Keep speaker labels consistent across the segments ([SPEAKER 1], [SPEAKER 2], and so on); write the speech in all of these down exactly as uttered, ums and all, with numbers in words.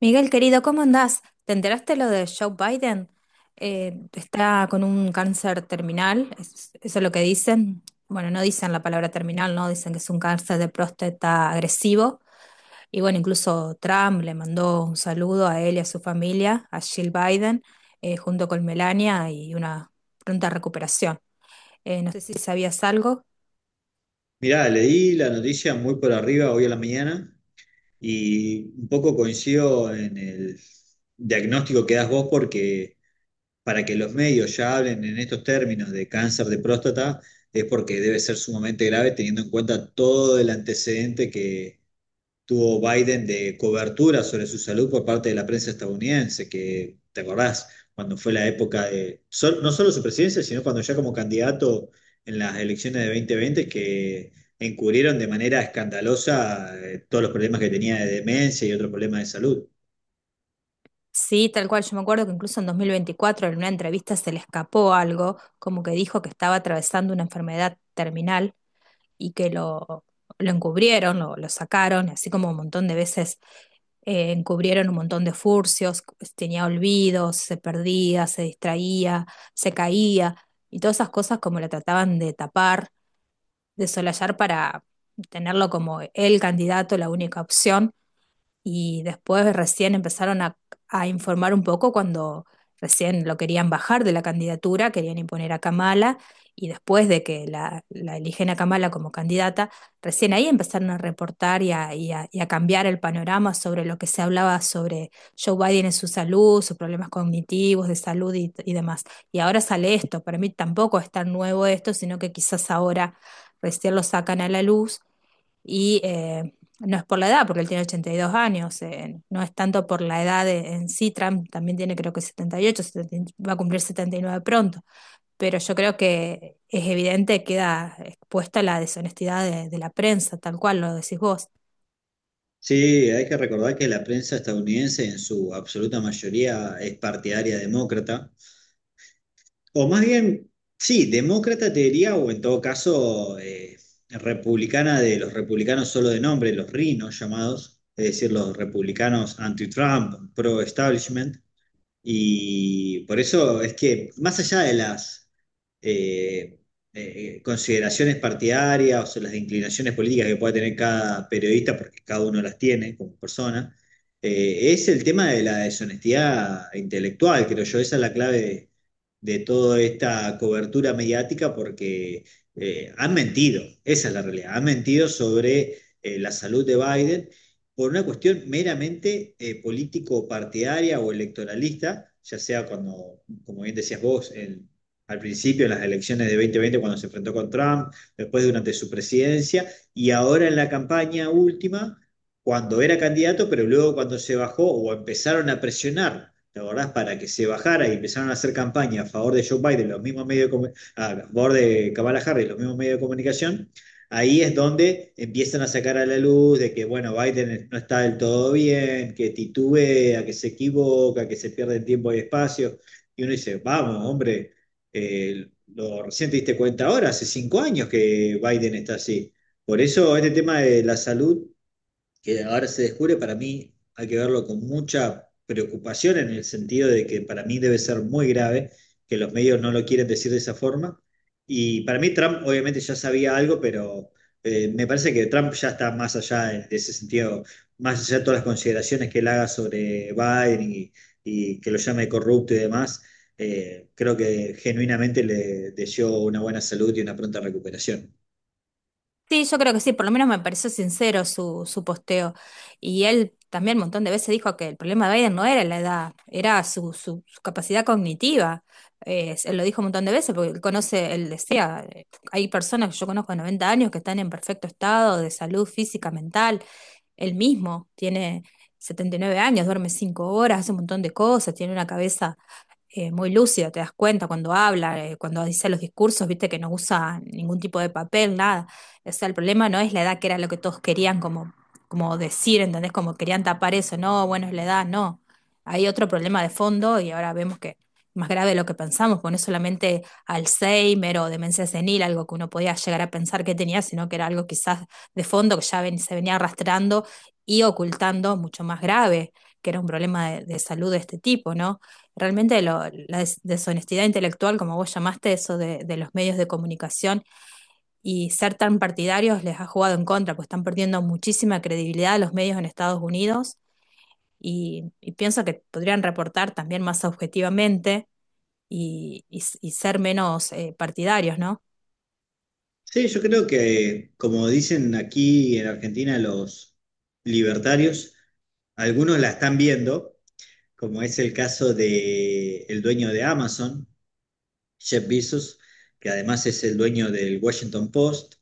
[SPEAKER 1] Miguel, querido, ¿cómo andás? ¿Te enteraste lo de Joe Biden? Eh, está con un cáncer terminal, es- eso es lo que dicen. Bueno, no dicen la palabra terminal, no, dicen que es un cáncer de próstata agresivo. Y bueno, incluso Trump le mandó un saludo a él y a su familia, a Jill Biden, eh, junto con Melania y una pronta recuperación. Eh, no sé si sabías algo.
[SPEAKER 2] Mirá, leí la noticia muy por arriba hoy a la mañana y un poco coincido en el diagnóstico que das vos, porque para que los medios ya hablen en estos términos de cáncer de próstata es porque debe ser sumamente grave, teniendo en cuenta todo el antecedente que tuvo Biden de cobertura sobre su salud por parte de la prensa estadounidense. Que ¿te acordás cuando fue la época de, sol- no solo su presidencia, sino cuando ya como candidato en las elecciones de dos mil veinte, que encubrieron de manera escandalosa eh, todos los problemas que tenía de demencia y otros problemas de salud?
[SPEAKER 1] Sí, tal cual. Yo me acuerdo que incluso en dos mil veinticuatro en una entrevista se le escapó algo, como que dijo que estaba atravesando una enfermedad terminal y que lo, lo encubrieron, lo, lo sacaron, así como un montón de veces eh, encubrieron un montón de furcios, pues, tenía olvidos, se perdía, se distraía, se caía y todas esas cosas como la trataban de tapar, de solallar para tenerlo como el candidato, la única opción y después recién empezaron a, a informar un poco cuando recién lo querían bajar de la candidatura, querían imponer a Kamala y después de que la, la eligen a Kamala como candidata, recién ahí empezaron a reportar y a, y a- y a cambiar el panorama sobre lo que se hablaba sobre Joe Biden en su salud, sus problemas cognitivos, de salud y, y demás. Y ahora sale esto, para mí tampoco es tan nuevo esto, sino que quizás ahora recién lo sacan a la luz y eh, no es por la edad, porque él tiene ochenta y dos años, eh, no es tanto por la edad de- en sí, Trump también tiene creo que setenta y ocho, setenta va a cumplir setenta y nueve pronto, pero yo creo que es evidente, queda expuesta la deshonestidad de, de la prensa, tal cual lo decís vos.
[SPEAKER 2] Sí, hay que recordar que la prensa estadounidense en su absoluta mayoría es partidaria demócrata. O más bien, sí, demócrata te diría, o en todo caso, eh, republicana. De los republicanos solo de nombre, los rinos llamados, es decir, los republicanos anti-Trump, pro-establishment. Y por eso es que, más allá de las eh, eh, consideraciones partidarias o las inclinaciones políticas que pueda tener cada periodista, porque cada uno las tiene como persona, eh, es el tema de la deshonestidad intelectual, creo yo. Esa es la clave de toda esta cobertura mediática, porque eh, han mentido. Esa es la realidad, han mentido sobre eh, la salud de Biden por una cuestión meramente eh, político-partidaria o electoralista, ya sea cuando, como bien decías vos, el, al principio en las elecciones de dos mil veinte, cuando se enfrentó con Trump, después durante su presidencia y ahora en la campaña última cuando era candidato, pero luego cuando se bajó o empezaron a presionar. ¿Te acordás? Para que se bajara y empezaron a hacer campaña a favor de Joe Biden los mismos medios de comu- a favor de Kamala Harris, los mismos medios de comunicación. Ahí es donde empiezan a sacar a la luz de que, bueno, Biden no está del todo bien, que titubea, que se equivoca, que se pierde tiempo y espacio. Y uno dice, vamos, hombre, eh, lo recién te diste cuenta ahora. Hace cinco años que Biden está así. Por eso este tema de la salud que ahora se descubre, para mí hay que verlo con mucha preocupación, en el sentido de que para mí debe ser muy grave, que los medios no lo quieren decir de esa forma. Y para mí Trump obviamente ya sabía algo, pero eh, me parece que Trump ya está más allá de, de ese sentido, más allá de todas las consideraciones que él haga sobre Biden y y que lo llame corrupto y demás. Eh, creo que genuinamente le deseó una buena salud y una pronta recuperación.
[SPEAKER 1] Sí, yo creo que sí, por lo menos me pareció sincero su, su posteo. Y él también un montón de veces dijo que el problema de Biden no era la edad, era su, su, su capacidad cognitiva. Eh, él lo dijo un montón de veces porque él conoce, él decía, eh, hay personas que yo conozco de noventa años que están en perfecto estado de salud física, mental. Él mismo tiene setenta y nueve años, duerme cinco horas, hace un montón de cosas, tiene una cabeza eh, muy lúcida, te das cuenta cuando habla, eh, cuando dice los discursos, viste que no usa ningún tipo de papel, nada. O sea, el problema no es la edad, que era lo que todos querían como, como decir, ¿entendés? Como querían tapar eso, no, bueno, es la edad, no. Hay otro problema de fondo y ahora vemos que es más grave de lo que pensamos, porque no es solamente Alzheimer o demencia senil, algo que uno podía llegar a pensar que tenía, sino que era algo quizás de fondo que ya ven- se venía arrastrando y ocultando mucho más grave, que era un problema de, de salud de este tipo, ¿no? Realmente lo- la des- deshonestidad intelectual, como vos llamaste, eso de, de los medios de comunicación y ser tan partidarios les ha jugado en contra, pues están perdiendo muchísima credibilidad los medios en Estados Unidos y, y pienso que podrían reportar también más objetivamente y, y s- y ser menos eh, partidarios, ¿no?
[SPEAKER 2] Sí, yo creo que, como dicen aquí en Argentina los libertarios, algunos la están viendo, como es el caso de el dueño de Amazon, Jeff Bezos, que además es el dueño del Washington Post.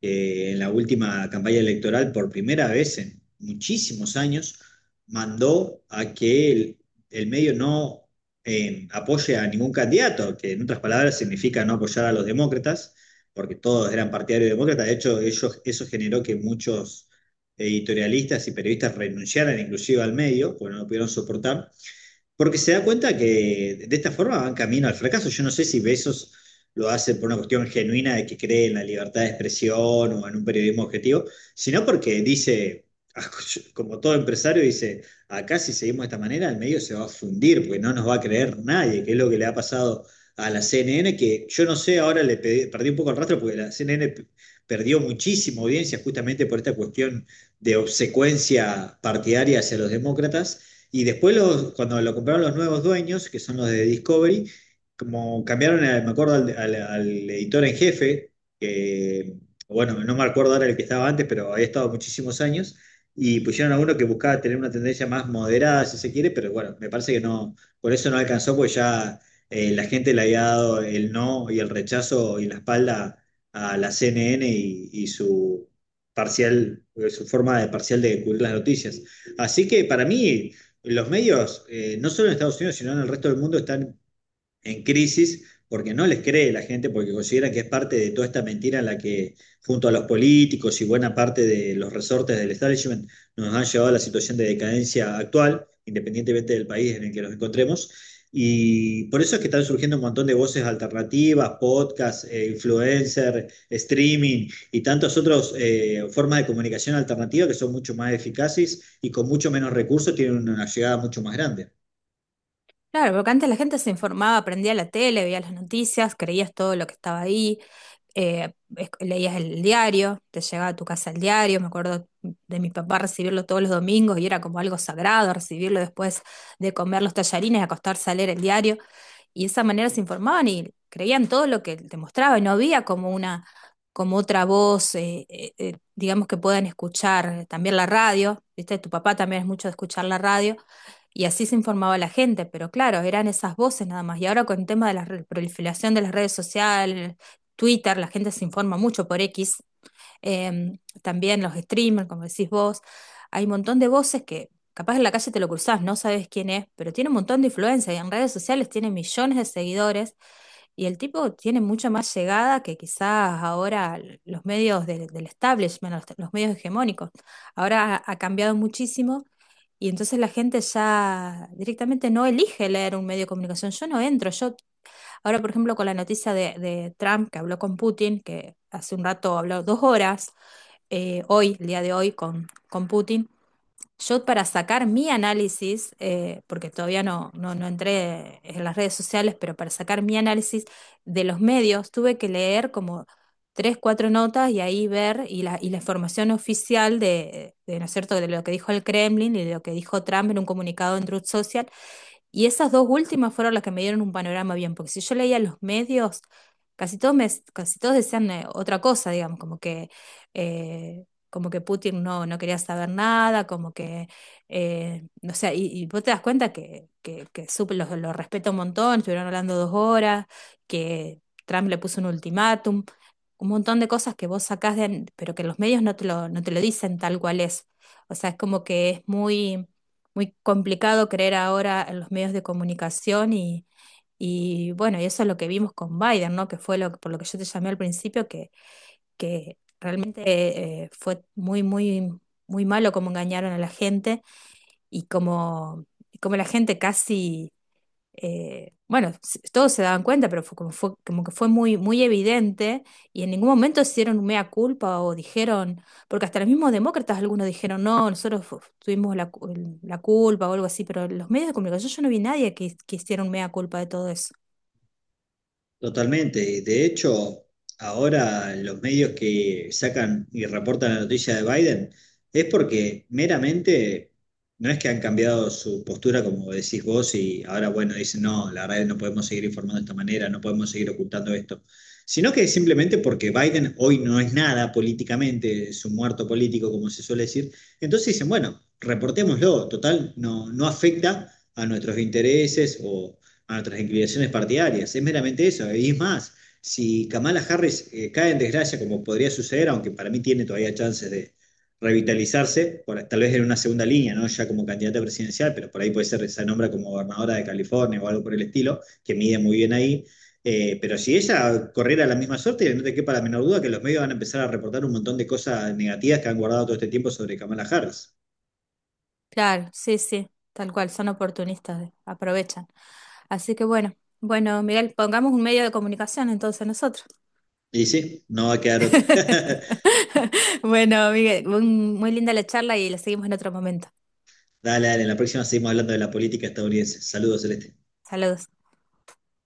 [SPEAKER 2] eh, En la última campaña electoral, por primera vez en muchísimos años, mandó a que el, el medio no eh, apoye a ningún candidato, que en otras palabras significa no apoyar a los demócratas, porque todos eran partidarios demócratas. De hecho, ellos, eso generó que muchos eh, editorialistas y periodistas renunciaran inclusive al medio, porque no lo pudieron soportar. Porque se da cuenta que de esta forma van camino al fracaso. Yo no sé si Besos lo hace por una cuestión genuina de que cree en la libertad de expresión o en un periodismo objetivo, sino porque dice, como todo empresario, dice, acá si seguimos de esta manera, el medio se va a fundir, porque no nos va a creer nadie, que es lo que le ha pasado a la C N N, que yo no sé, ahora le pedí- perdí un poco el rastro, porque la C N N p- perdió muchísima audiencia justamente por esta cuestión de obsecuencia partidaria hacia los demócratas. Y después, los- cuando lo compraron los nuevos dueños, que son los de Discovery, como cambiaron, a- me acuerdo, al, al- al editor en jefe, que, bueno, no me acuerdo ahora el que estaba antes, pero había estado muchísimos años, y pusieron a uno que buscaba tener una tendencia más moderada, si se quiere, pero bueno, me parece que no, por eso no alcanzó, porque ya eh, la gente le había dado el no y el rechazo y la espalda a la C N N, y y su parcial, su forma de parcial de cubrir las noticias. Así que para mí los medios, eh, no solo en Estados Unidos, sino en el resto del mundo, están en crisis porque no les cree la gente, porque consideran que es parte de toda esta mentira en la que, junto a los políticos y buena parte de los resortes del establishment, nos han llevado a la situación de decadencia actual, independientemente del país en el que nos encontremos. Y por eso es que están surgiendo un montón de voces alternativas, podcasts, eh, influencer, streaming y tantas otras eh, formas de comunicación alternativa, que son mucho más eficaces y con mucho menos recursos tienen una llegada mucho más grande.
[SPEAKER 1] Claro, porque antes la gente se informaba, prendía la tele, veía las noticias, creías todo lo que estaba ahí, eh, es- leías el diario, te llegaba a tu casa el diario, me acuerdo de mi papá recibirlo todos los domingos y era como algo sagrado recibirlo después de comer los tallarines, acostarse a leer el diario, y de esa manera se informaban y creían todo lo que te mostraba y no había como una, como otra voz, eh, eh, eh, digamos que puedan escuchar, también la radio, ¿viste? Tu papá también es mucho de escuchar la radio y así se informaba la gente, pero claro, eran esas voces nada más. Y ahora con el tema de la re- proliferación de las redes sociales, Twitter, la gente se informa mucho por X, em, también los streamers, como decís vos, hay un montón de voces que capaz en la calle te lo cruzás, no sabes quién es, pero tiene un montón de influencia y en redes sociales tiene millones de seguidores y el tipo tiene mucha más llegada que quizás ahora los medios de- del establishment, los los medios hegemónicos. Ahora ha ha cambiado muchísimo y entonces la gente ya directamente no elige leer un medio de comunicación. Yo no entro. Yo, ahora, por ejemplo, con la noticia de, de Trump que habló con Putin, que hace un rato habló dos horas, eh, hoy, el día de hoy, con, con Putin, yo para sacar mi análisis, eh, porque todavía no, no, no entré en las redes sociales, pero para sacar mi análisis de los medios, tuve que leer como tres, cuatro notas y ahí ver y la, y la información oficial de, de, ¿no es cierto?, de lo que dijo el Kremlin y de lo que dijo Trump en un comunicado en Truth Social y esas dos últimas fueron las que me dieron un panorama bien, porque si yo leía los medios, casi todos, me, casi todos decían eh, otra cosa, digamos, como que, eh, como que Putin no, no quería saber nada, como que, eh, o sea, y, y vos te das cuenta que, que, que supe, los, los respeto un montón, estuvieron hablando dos horas, que Trump le puso un ultimátum, un montón de cosas que vos sacás de, pero que los medios no te lo, no te lo dicen tal cual es. O sea, es como que es muy muy complicado creer ahora en los medios de comunicación y, y bueno, y eso es lo que vimos con Biden, ¿no? Que fue lo, que- por lo que yo te llamé al principio, que, que realmente eh, fue muy, muy, muy malo cómo engañaron a la gente y como, cómo la gente casi eh, bueno, s- todos se daban cuenta, pero fue como, fue, como que fue muy, muy evidente y en ningún momento hicieron un mea culpa o dijeron, porque hasta los mismos demócratas algunos dijeron, no, nosotros fu- tuvimos la, cu- el- la culpa o algo así, pero los medios de comunicación yo no vi nadie que, que hiciera un mea culpa de todo eso.
[SPEAKER 2] Totalmente. De hecho, ahora los medios que sacan y reportan la noticia de Biden es porque meramente no es que han cambiado su postura, como decís vos, y ahora, bueno, dicen, no, la verdad es que no podemos seguir informando de esta manera, no podemos seguir ocultando esto, sino que es simplemente porque Biden hoy no es nada políticamente, es un muerto político, como se suele decir. Entonces dicen, bueno, reportémoslo, total, no, no afecta a nuestros intereses o a nuestras inclinaciones partidarias. Es meramente eso. Y es más, si Kamala Harris eh, cae en desgracia, como podría suceder, aunque para mí tiene todavía chances de revitalizarse, por- tal vez en una segunda línea, ¿no? Ya como candidata presidencial, pero por ahí puede ser, se nombra como gobernadora de California o algo por el estilo, que mide muy bien ahí. Eh, pero si ella corriera la misma suerte, no te quepa la menor duda que los medios van a empezar a reportar un montón de cosas negativas que han guardado todo este tiempo sobre Kamala Harris.
[SPEAKER 1] Claro, sí, sí, tal cual, son oportunistas, eh, aprovechan. Así que bueno, bueno, Miguel, pongamos un medio de comunicación entonces nosotros.
[SPEAKER 2] Y sí, no va a quedar otra.
[SPEAKER 1] Bueno, Miguel, un- muy linda la charla y la seguimos en otro momento.
[SPEAKER 2] Dale, dale, en la próxima seguimos hablando de la política estadounidense. Saludos, Celeste.
[SPEAKER 1] Saludos.